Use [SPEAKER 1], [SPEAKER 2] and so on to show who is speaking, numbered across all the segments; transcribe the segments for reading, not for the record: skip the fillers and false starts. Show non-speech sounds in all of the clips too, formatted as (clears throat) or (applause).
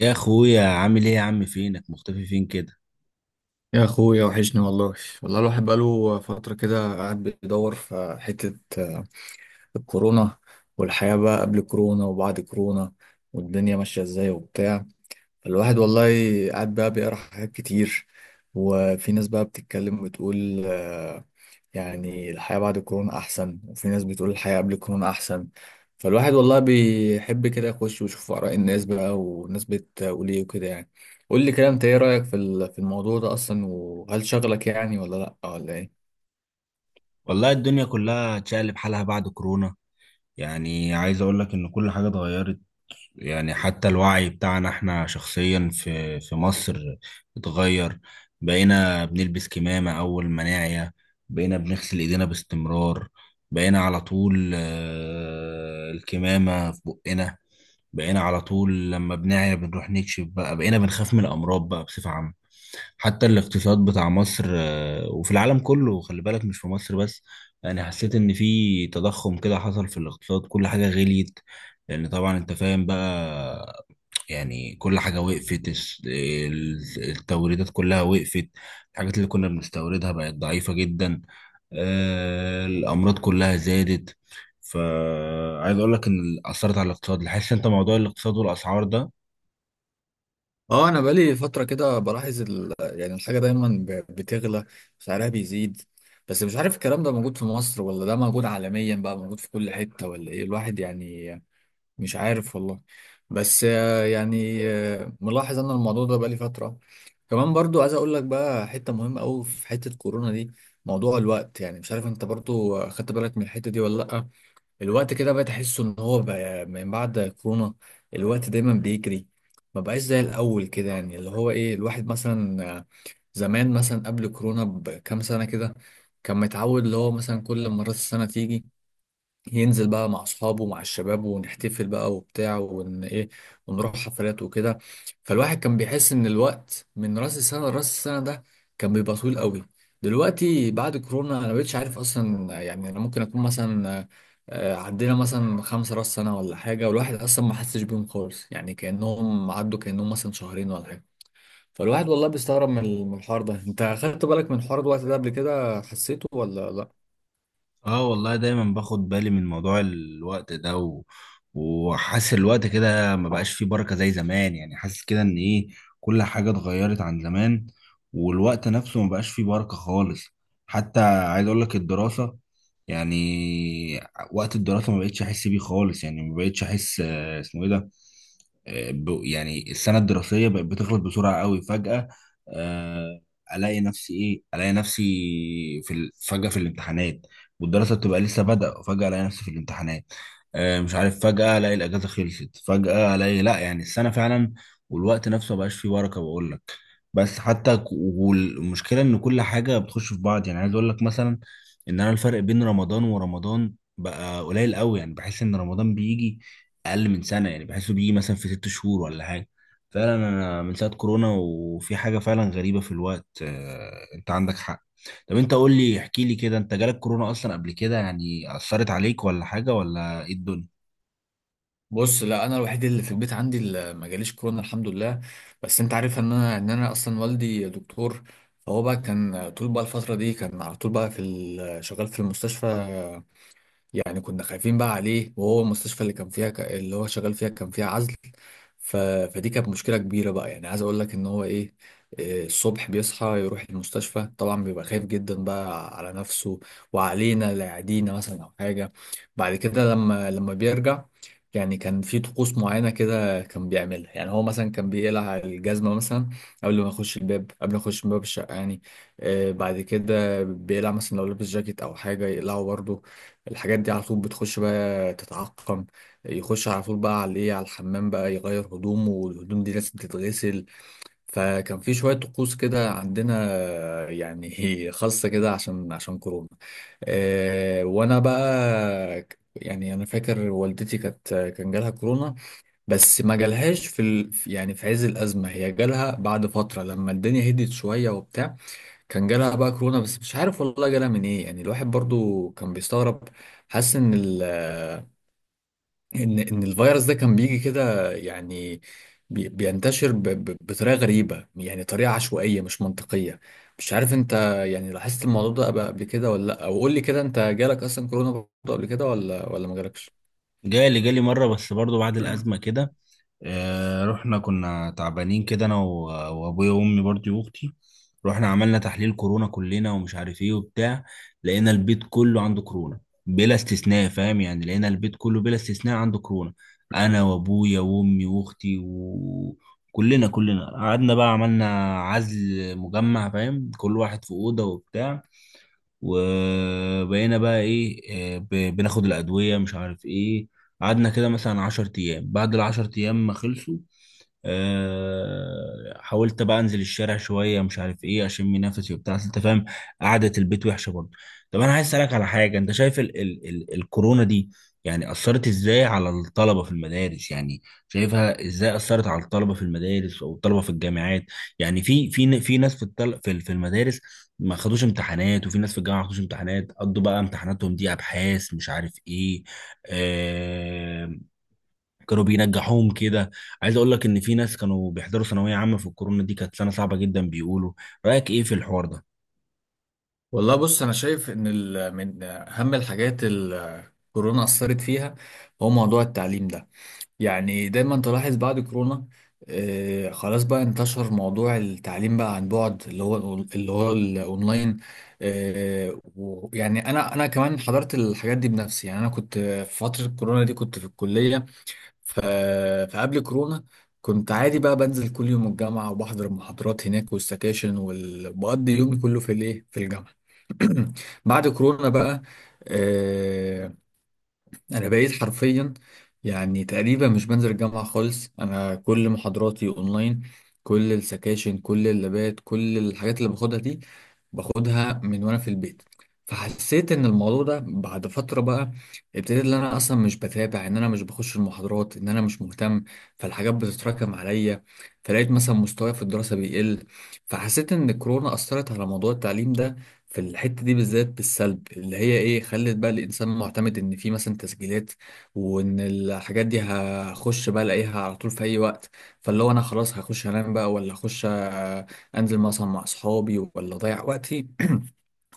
[SPEAKER 1] يا اخويا عامل ايه يا عم، فينك مختفي فين كده؟
[SPEAKER 2] يا اخويا وحشني والله. والله الواحد بقاله فترة كده قاعد بيدور في حتة الكورونا، والحياة بقى قبل كورونا وبعد كورونا، والدنيا ماشية ازاي وبتاع. الواحد والله قاعد بقى بيقرا حاجات كتير، وفي ناس بقى بتتكلم وتقول يعني الحياة بعد الكورونا أحسن، وفي ناس بتقول الحياة قبل الكورونا أحسن. فالواحد والله بيحب كده يخش ويشوف آراء الناس بقى والناس بتقول إيه وكده يعني. قول لي كده، أنت إيه رأيك في الموضوع ده أصلا، وهل شغلك يعني ولا لأ ولا إيه؟
[SPEAKER 1] والله الدنيا كلها اتشقلب حالها بعد كورونا. يعني عايز اقول لك ان كل حاجة اتغيرت. يعني حتى الوعي بتاعنا احنا شخصيا في مصر اتغير. بقينا بنلبس كمامة اول ما نعيا. بقينا بنغسل ايدينا باستمرار. بقينا على طول، الكمامة في بقنا. بقينا على طول لما بنعيا بنروح نكشف بقى، بقينا بنخاف من الامراض بقى بصفة عامة. حتى الاقتصاد بتاع مصر، وفي العالم كله، خلي بالك مش في مصر بس. يعني حسيت ان في تضخم كده حصل في الاقتصاد، كل حاجة غليت. لان طبعا انت فاهم بقى. يعني كل حاجة وقفت، التوريدات كلها وقفت. الحاجات اللي كنا بنستوردها بقت ضعيفة جدا. الأمراض كلها زادت. فعايز أقول لك إن أثرت على الاقتصاد، حاسس أنت موضوع الاقتصاد والأسعار ده.
[SPEAKER 2] اه، انا بقالي فتره كده بلاحظ يعني الحاجه دايما بتغلى، سعرها بيزيد. بس مش عارف الكلام ده موجود في مصر ولا ده موجود عالميا بقى موجود في كل حته، ولا ايه الواحد يعني. مش عارف والله. بس يعني ملاحظ انا الموضوع ده بقالي فتره. كمان برضو عايز اقول لك بقى حته مهمه قوي في حته كورونا دي، موضوع الوقت. يعني مش عارف انت برضو خدت بالك من الحته دي ولا لا. الوقت كده بقيت احس ان هو بقى من بعد كورونا الوقت دايما بيجري، ما بقاش زي الاول كده. يعني اللي هو ايه، الواحد مثلا آه، زمان مثلا قبل كورونا بكام سنة كده كان متعود اللي هو مثلا كل ما راس السنة تيجي ينزل بقى مع اصحابه ومع الشباب ونحتفل بقى وبتاع ون ايه، ونروح حفلات وكده. فالواحد كان بيحس ان الوقت من راس السنه لراس السنه ده كان بيبقى طويل قوي. دلوقتي بعد كورونا انا مبقتش عارف اصلا. يعني انا ممكن اكون مثلا آه، عدينا مثلا خمسة راس سنه ولا حاجه، والواحد اصلا ما حسش بيهم خالص، يعني كانهم عدوا كانهم مثلا شهرين ولا حاجه. فالواحد والله بيستغرب من الحوار ده. انت خدت بالك من حوار الوقت ده قبل كده، حسيته ولا لا؟
[SPEAKER 1] اه والله دايما باخد بالي من موضوع الوقت ده وحاسس الوقت كده ما بقاش فيه بركة زي زمان. يعني حاسس كده ان ايه، كل حاجة اتغيرت عن زمان. والوقت نفسه ما بقاش فيه بركة خالص. حتى عايز اقول لك الدراسة، يعني وقت الدراسة ما بقتش احس بيه خالص. يعني ما بقتش احس، اسمه ايه ده؟ يعني السنة الدراسية بقت بتخلص بسرعة قوي فجأة. آه، الاقي نفسي ايه، الاقي نفسي فجأة في الامتحانات. والدراسه بتبقى لسه بادئه وفجاه الاقي نفسي في الامتحانات. مش عارف، فجاه الاقي الاجازه خلصت، فجاه الاقي لا، يعني السنه فعلا. والوقت نفسه مبقاش فيه بركه بقول لك. بس حتى والمشكله ان كل حاجه بتخش في بعض. يعني عايز اقول لك مثلا ان انا الفرق بين رمضان ورمضان بقى قليل قوي. يعني بحس ان رمضان بيجي اقل من سنه، يعني بحسه بيجي مثلا في 6 شهور ولا حاجه. فعلا انا من ساعه كورونا وفي حاجه فعلا غريبه في الوقت، انت عندك حق. طب انت قول لي، احكي لي كده، انت جالك كورونا اصلا قبل كده؟ يعني اثرت عليك ولا حاجه، ولا ايه الدنيا؟
[SPEAKER 2] بص، لا، انا الوحيد اللي في البيت عندي اللي ما جاليش كورونا الحمد لله. بس انت عارف ان انا ان انا اصلا والدي دكتور، فهو بقى كان طول بقى الفتره دي كان على طول بقى شغال في المستشفى. يعني كنا خايفين بقى عليه، وهو المستشفى اللي كان فيها اللي هو شغال فيها كان فيها عزل. ف... فدي كانت مشكلة كبيرة بقى. يعني عايز اقول لك ان هو ايه، إيه، الصبح بيصحى يروح المستشفى طبعا بيبقى خايف جدا بقى على نفسه وعلينا لا يعدينا مثلا او حاجة. بعد كده لما بيرجع، يعني كان في طقوس معينة كده كان بيعملها. يعني هو مثلا كان بيقلع الجزمة مثلا قبل ما يخش الباب، قبل ما يخش من باب الشقة يعني. آه، بعد كده بيقلع مثلا لو لابس جاكيت أو حاجة يقلعه برضه. الحاجات دي على طول بتخش بقى تتعقم. يخش على طول بقى على الايه، على الحمام بقى يغير هدومه، والهدوم دي لازم تتغسل. فكان في شوية طقوس كده عندنا يعني (laughs) خاصة كده عشان كورونا. وانا بقى يعني انا فاكر والدتي كانت كان جالها كورونا. بس ما جالهاش يعني في عز الازمه، هي جالها بعد فتره لما الدنيا هدت شويه وبتاع. كان جالها بقى كورونا، بس مش عارف والله جالها من ايه. يعني الواحد برضو كان بيستغرب، حاسس ان ال ان ان الفيروس ده كان بيجي كده يعني بينتشر بطريقه غريبه، يعني طريقه عشوائيه مش منطقيه. مش عارف انت يعني لاحظت الموضوع ده قبل كده ولا لا، او قول لي كده انت جالك اصلا كورونا برضو قبل كده ولا ما جالكش؟
[SPEAKER 1] جالي مرة، بس برضو بعد الأزمة كده. رحنا كنا تعبانين كده، أنا وأبويا وأمي برضو وأختي. رحنا عملنا تحليل كورونا كلنا ومش عارف إيه وبتاع. لقينا البيت كله عنده كورونا بلا استثناء، فاهم يعني؟ لقينا البيت كله بلا استثناء عنده كورونا. أنا وأبويا وأمي وأختي وكلنا كلنا قعدنا بقى، عملنا عزل مجمع، فاهم؟ كل واحد في أوضة وبتاع. وبقينا بقى ايه، بناخد الادويه، مش عارف ايه. قعدنا كده مثلا 10 ايام، بعد العشر ايام ما خلصوا، حاولت بقى انزل الشارع شويه، مش عارف ايه، اشم نفسي وبتاع، أصل انت فاهم، قعده البيت وحشه برضه. طب انا عايز اسالك على حاجه، انت شايف ال ال ال الكورونا دي يعني اثرت ازاي على الطلبه في المدارس؟ يعني شايفها ازاي اثرت على الطلبه في المدارس او الطلبه في الجامعات؟ يعني في ناس في الطل في في المدارس ما خدوش امتحانات، وفي ناس في الجامعه ما خدوش امتحانات، قضوا بقى امتحاناتهم دي ابحاث، مش عارف ايه. آه كانوا بينجحوهم كده. عايز اقول لك ان في ناس كانوا بيحضروا ثانويه عامه في الكورونا دي، كانت سنه صعبه جدا بيقولوا. رايك ايه في الحوار ده؟
[SPEAKER 2] والله بص، انا شايف ان من اهم الحاجات كورونا اثرت فيها هو موضوع التعليم ده. يعني دايما تلاحظ بعد كورونا آه، خلاص بقى انتشر موضوع التعليم بقى عن بعد، اللي هو اللي هو الاونلاين. آه، ويعني انا كمان حضرت الحاجات دي بنفسي. يعني انا كنت في فترة كورونا دي كنت في الكلية. ف- فقبل كورونا كنت عادي بقى بنزل كل يوم الجامعة وبحضر المحاضرات هناك والسكاشن وبقضي يومي كله في الايه، في الجامعة. (clears throat) بعد كورونا بقى آه، انا بقيت حرفيا يعني تقريبا مش بنزل الجامعه خالص. انا كل محاضراتي اونلاين، كل السكاشن كل اللابات كل الحاجات اللي باخدها دي باخدها من وانا في البيت. فحسيت ان الموضوع ده بعد فتره بقى ابتديت ان انا اصلا مش بتابع، ان انا مش بخش المحاضرات، ان انا مش مهتم. فالحاجات بتتراكم عليا، فلقيت مثلا مستواي في الدراسه بيقل. فحسيت ان الكورونا اثرت على موضوع التعليم ده في الحتة دي بالذات بالسلب، اللي هي ايه، خلت بقى الانسان معتمد ان في مثلا تسجيلات، وان الحاجات دي هخش بقى الاقيها على طول في اي وقت. فاللي هو انا خلاص هخش انام بقى، ولا هخش انزل مثلا مع اصحابي، ولا اضيع وقتي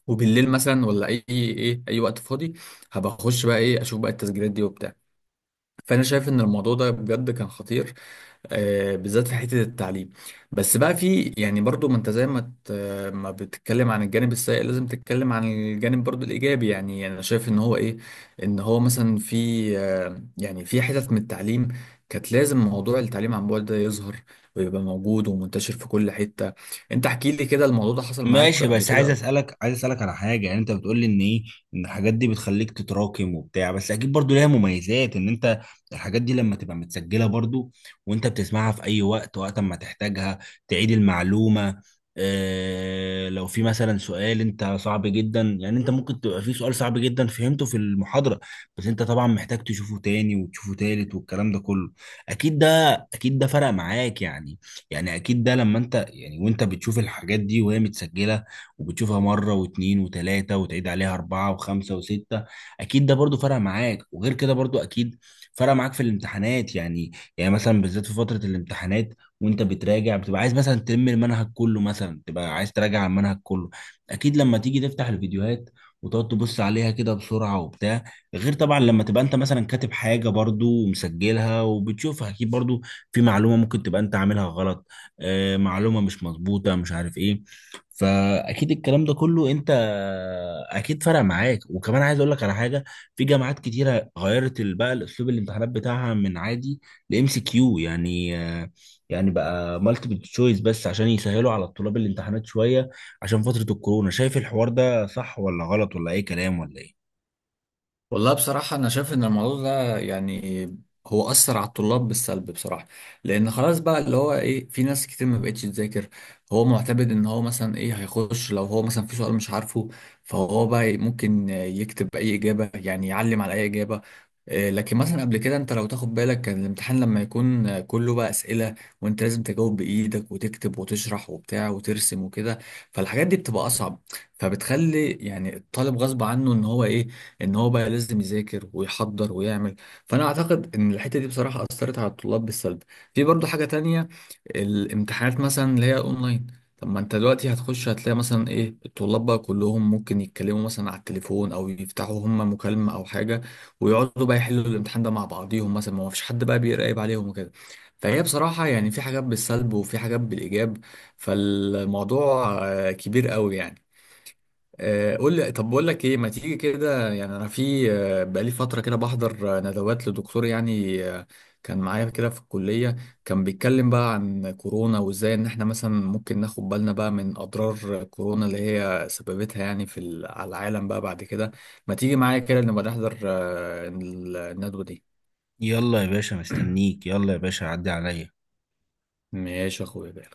[SPEAKER 2] وبالليل مثلا، ولا اي ايه اي وقت فاضي هبقى اخش بقى ايه، اشوف بقى التسجيلات دي وبتاع. فانا شايف ان الموضوع ده بجد كان خطير بالذات في حته التعليم. بس بقى في يعني برضو، ما انت زي ما بتتكلم عن الجانب السيء لازم تتكلم عن الجانب برضو الايجابي. يعني يعني انا شايف ان هو ايه، ان هو مثلا في يعني في حتت من التعليم كانت لازم موضوع التعليم عن بعد ده يظهر ويبقى موجود ومنتشر في كل حته. انت احكي لي كده، الموضوع ده حصل معاك
[SPEAKER 1] ماشي،
[SPEAKER 2] قبل
[SPEAKER 1] بس عايز
[SPEAKER 2] كده؟
[SPEAKER 1] اسالك، على حاجه. يعني انت بتقول لي ان ايه، ان الحاجات دي بتخليك تتراكم وبتاع، بس اكيد برضو ليها مميزات، ان انت الحاجات دي لما تبقى متسجله برضو، وانت بتسمعها في اي وقت، وقت ما تحتاجها تعيد المعلومه. اه، لو في مثلا سؤال انت صعب جدا، يعني انت ممكن تبقى في سؤال صعب جدا فهمته في المحاضره، بس انت طبعا محتاج تشوفه تاني وتشوفه تالت والكلام ده كله. اكيد ده، فرق معاك يعني. يعني اكيد ده لما انت، يعني وانت بتشوف الحاجات دي وهي متسجله وبتشوفها مره واتنين وتلاته وتعيد عليها اربعه وخمسه وسته، اكيد ده برضو فرق معاك. وغير كده برضو اكيد فرق معاك في الامتحانات. يعني يعني مثلا بالذات في فتره الامتحانات وانت بتراجع، بتبقى عايز مثلا تلم المنهج كله، مثلا تبقى عايز تراجع على المنهج كله، اكيد لما تيجي تفتح الفيديوهات وتقعد تبص عليها كده بسرعه وبتاع. غير طبعا لما تبقى انت مثلا كاتب حاجه برضو ومسجلها وبتشوفها، اكيد برضو في معلومه ممكن تبقى انت عاملها غلط، معلومة مش مظبوطة، مش عارف ايه. فأكيد الكلام ده كله انت أكيد فرق معاك. وكمان عايز أقول لك على حاجة، في جامعات كتيرة غيرت بقى الأسلوب الامتحانات بتاعها من عادي لإم سي كيو، يعني يعني بقى مالتيبل تشويس، بس عشان يسهلوا على الطلاب الامتحانات شوية عشان فترة الكورونا. شايف الحوار ده صح ولا غلط ولا أي كلام ولا ايه؟
[SPEAKER 2] والله بصراحة أنا شايف إن الموضوع ده يعني هو أثر على الطلاب بالسلب بصراحة. لأن خلاص بقى اللي هو إيه، في ناس كتير ما بقتش تذاكر، هو معتمد إن هو مثلا إيه هيخش لو هو مثلا في سؤال مش عارفه فهو بقى ممكن يكتب أي إجابة، يعني يعلم على أي إجابة. آه، لكن مثلا قبل كده انت لو تاخد بالك كان الامتحان لما يكون كله بقى اسئله، وانت لازم تجاوب بايدك وتكتب وتشرح وبتاع وترسم وكده. فالحاجات دي بتبقى اصعب، فبتخلي يعني الطالب غصب عنه ان هو ايه، ان هو بقى لازم يذاكر ويحضر ويعمل. فانا اعتقد ان الحته دي بصراحه اثرت على الطلاب بالسلب. في برضو حاجه تانية، الامتحانات مثلا اللي هي اونلاين. طب ما انت دلوقتي هتخش هتلاقي مثلا ايه، الطلاب بقى كلهم ممكن يتكلموا مثلا على التليفون او يفتحوا هم مكالمه او حاجه، ويقعدوا بقى يحلوا الامتحان ده مع بعضيهم مثلا، ما فيش حد بقى بيراقب عليهم وكده. فهي بصراحه يعني في حاجات بالسلب وفي حاجات بالايجاب. فالموضوع كبير قوي يعني. قول لي طب، بقول لك ايه، ما تيجي كده. يعني انا في بقالي فتره كده بحضر ندوات لدكتور يعني كان معايا كده في الكليه، كان بيتكلم بقى عن كورونا وازاي ان احنا مثلا ممكن ناخد بالنا بقى من اضرار كورونا اللي هي سببتها يعني على العالم بقى بعد كده. ما تيجي معايا كده نبقى نحضر الندوه دي.
[SPEAKER 1] يلا يا باشا مستنيك، يلا يا باشا عدي عليا.
[SPEAKER 2] ماشي يا اخويا.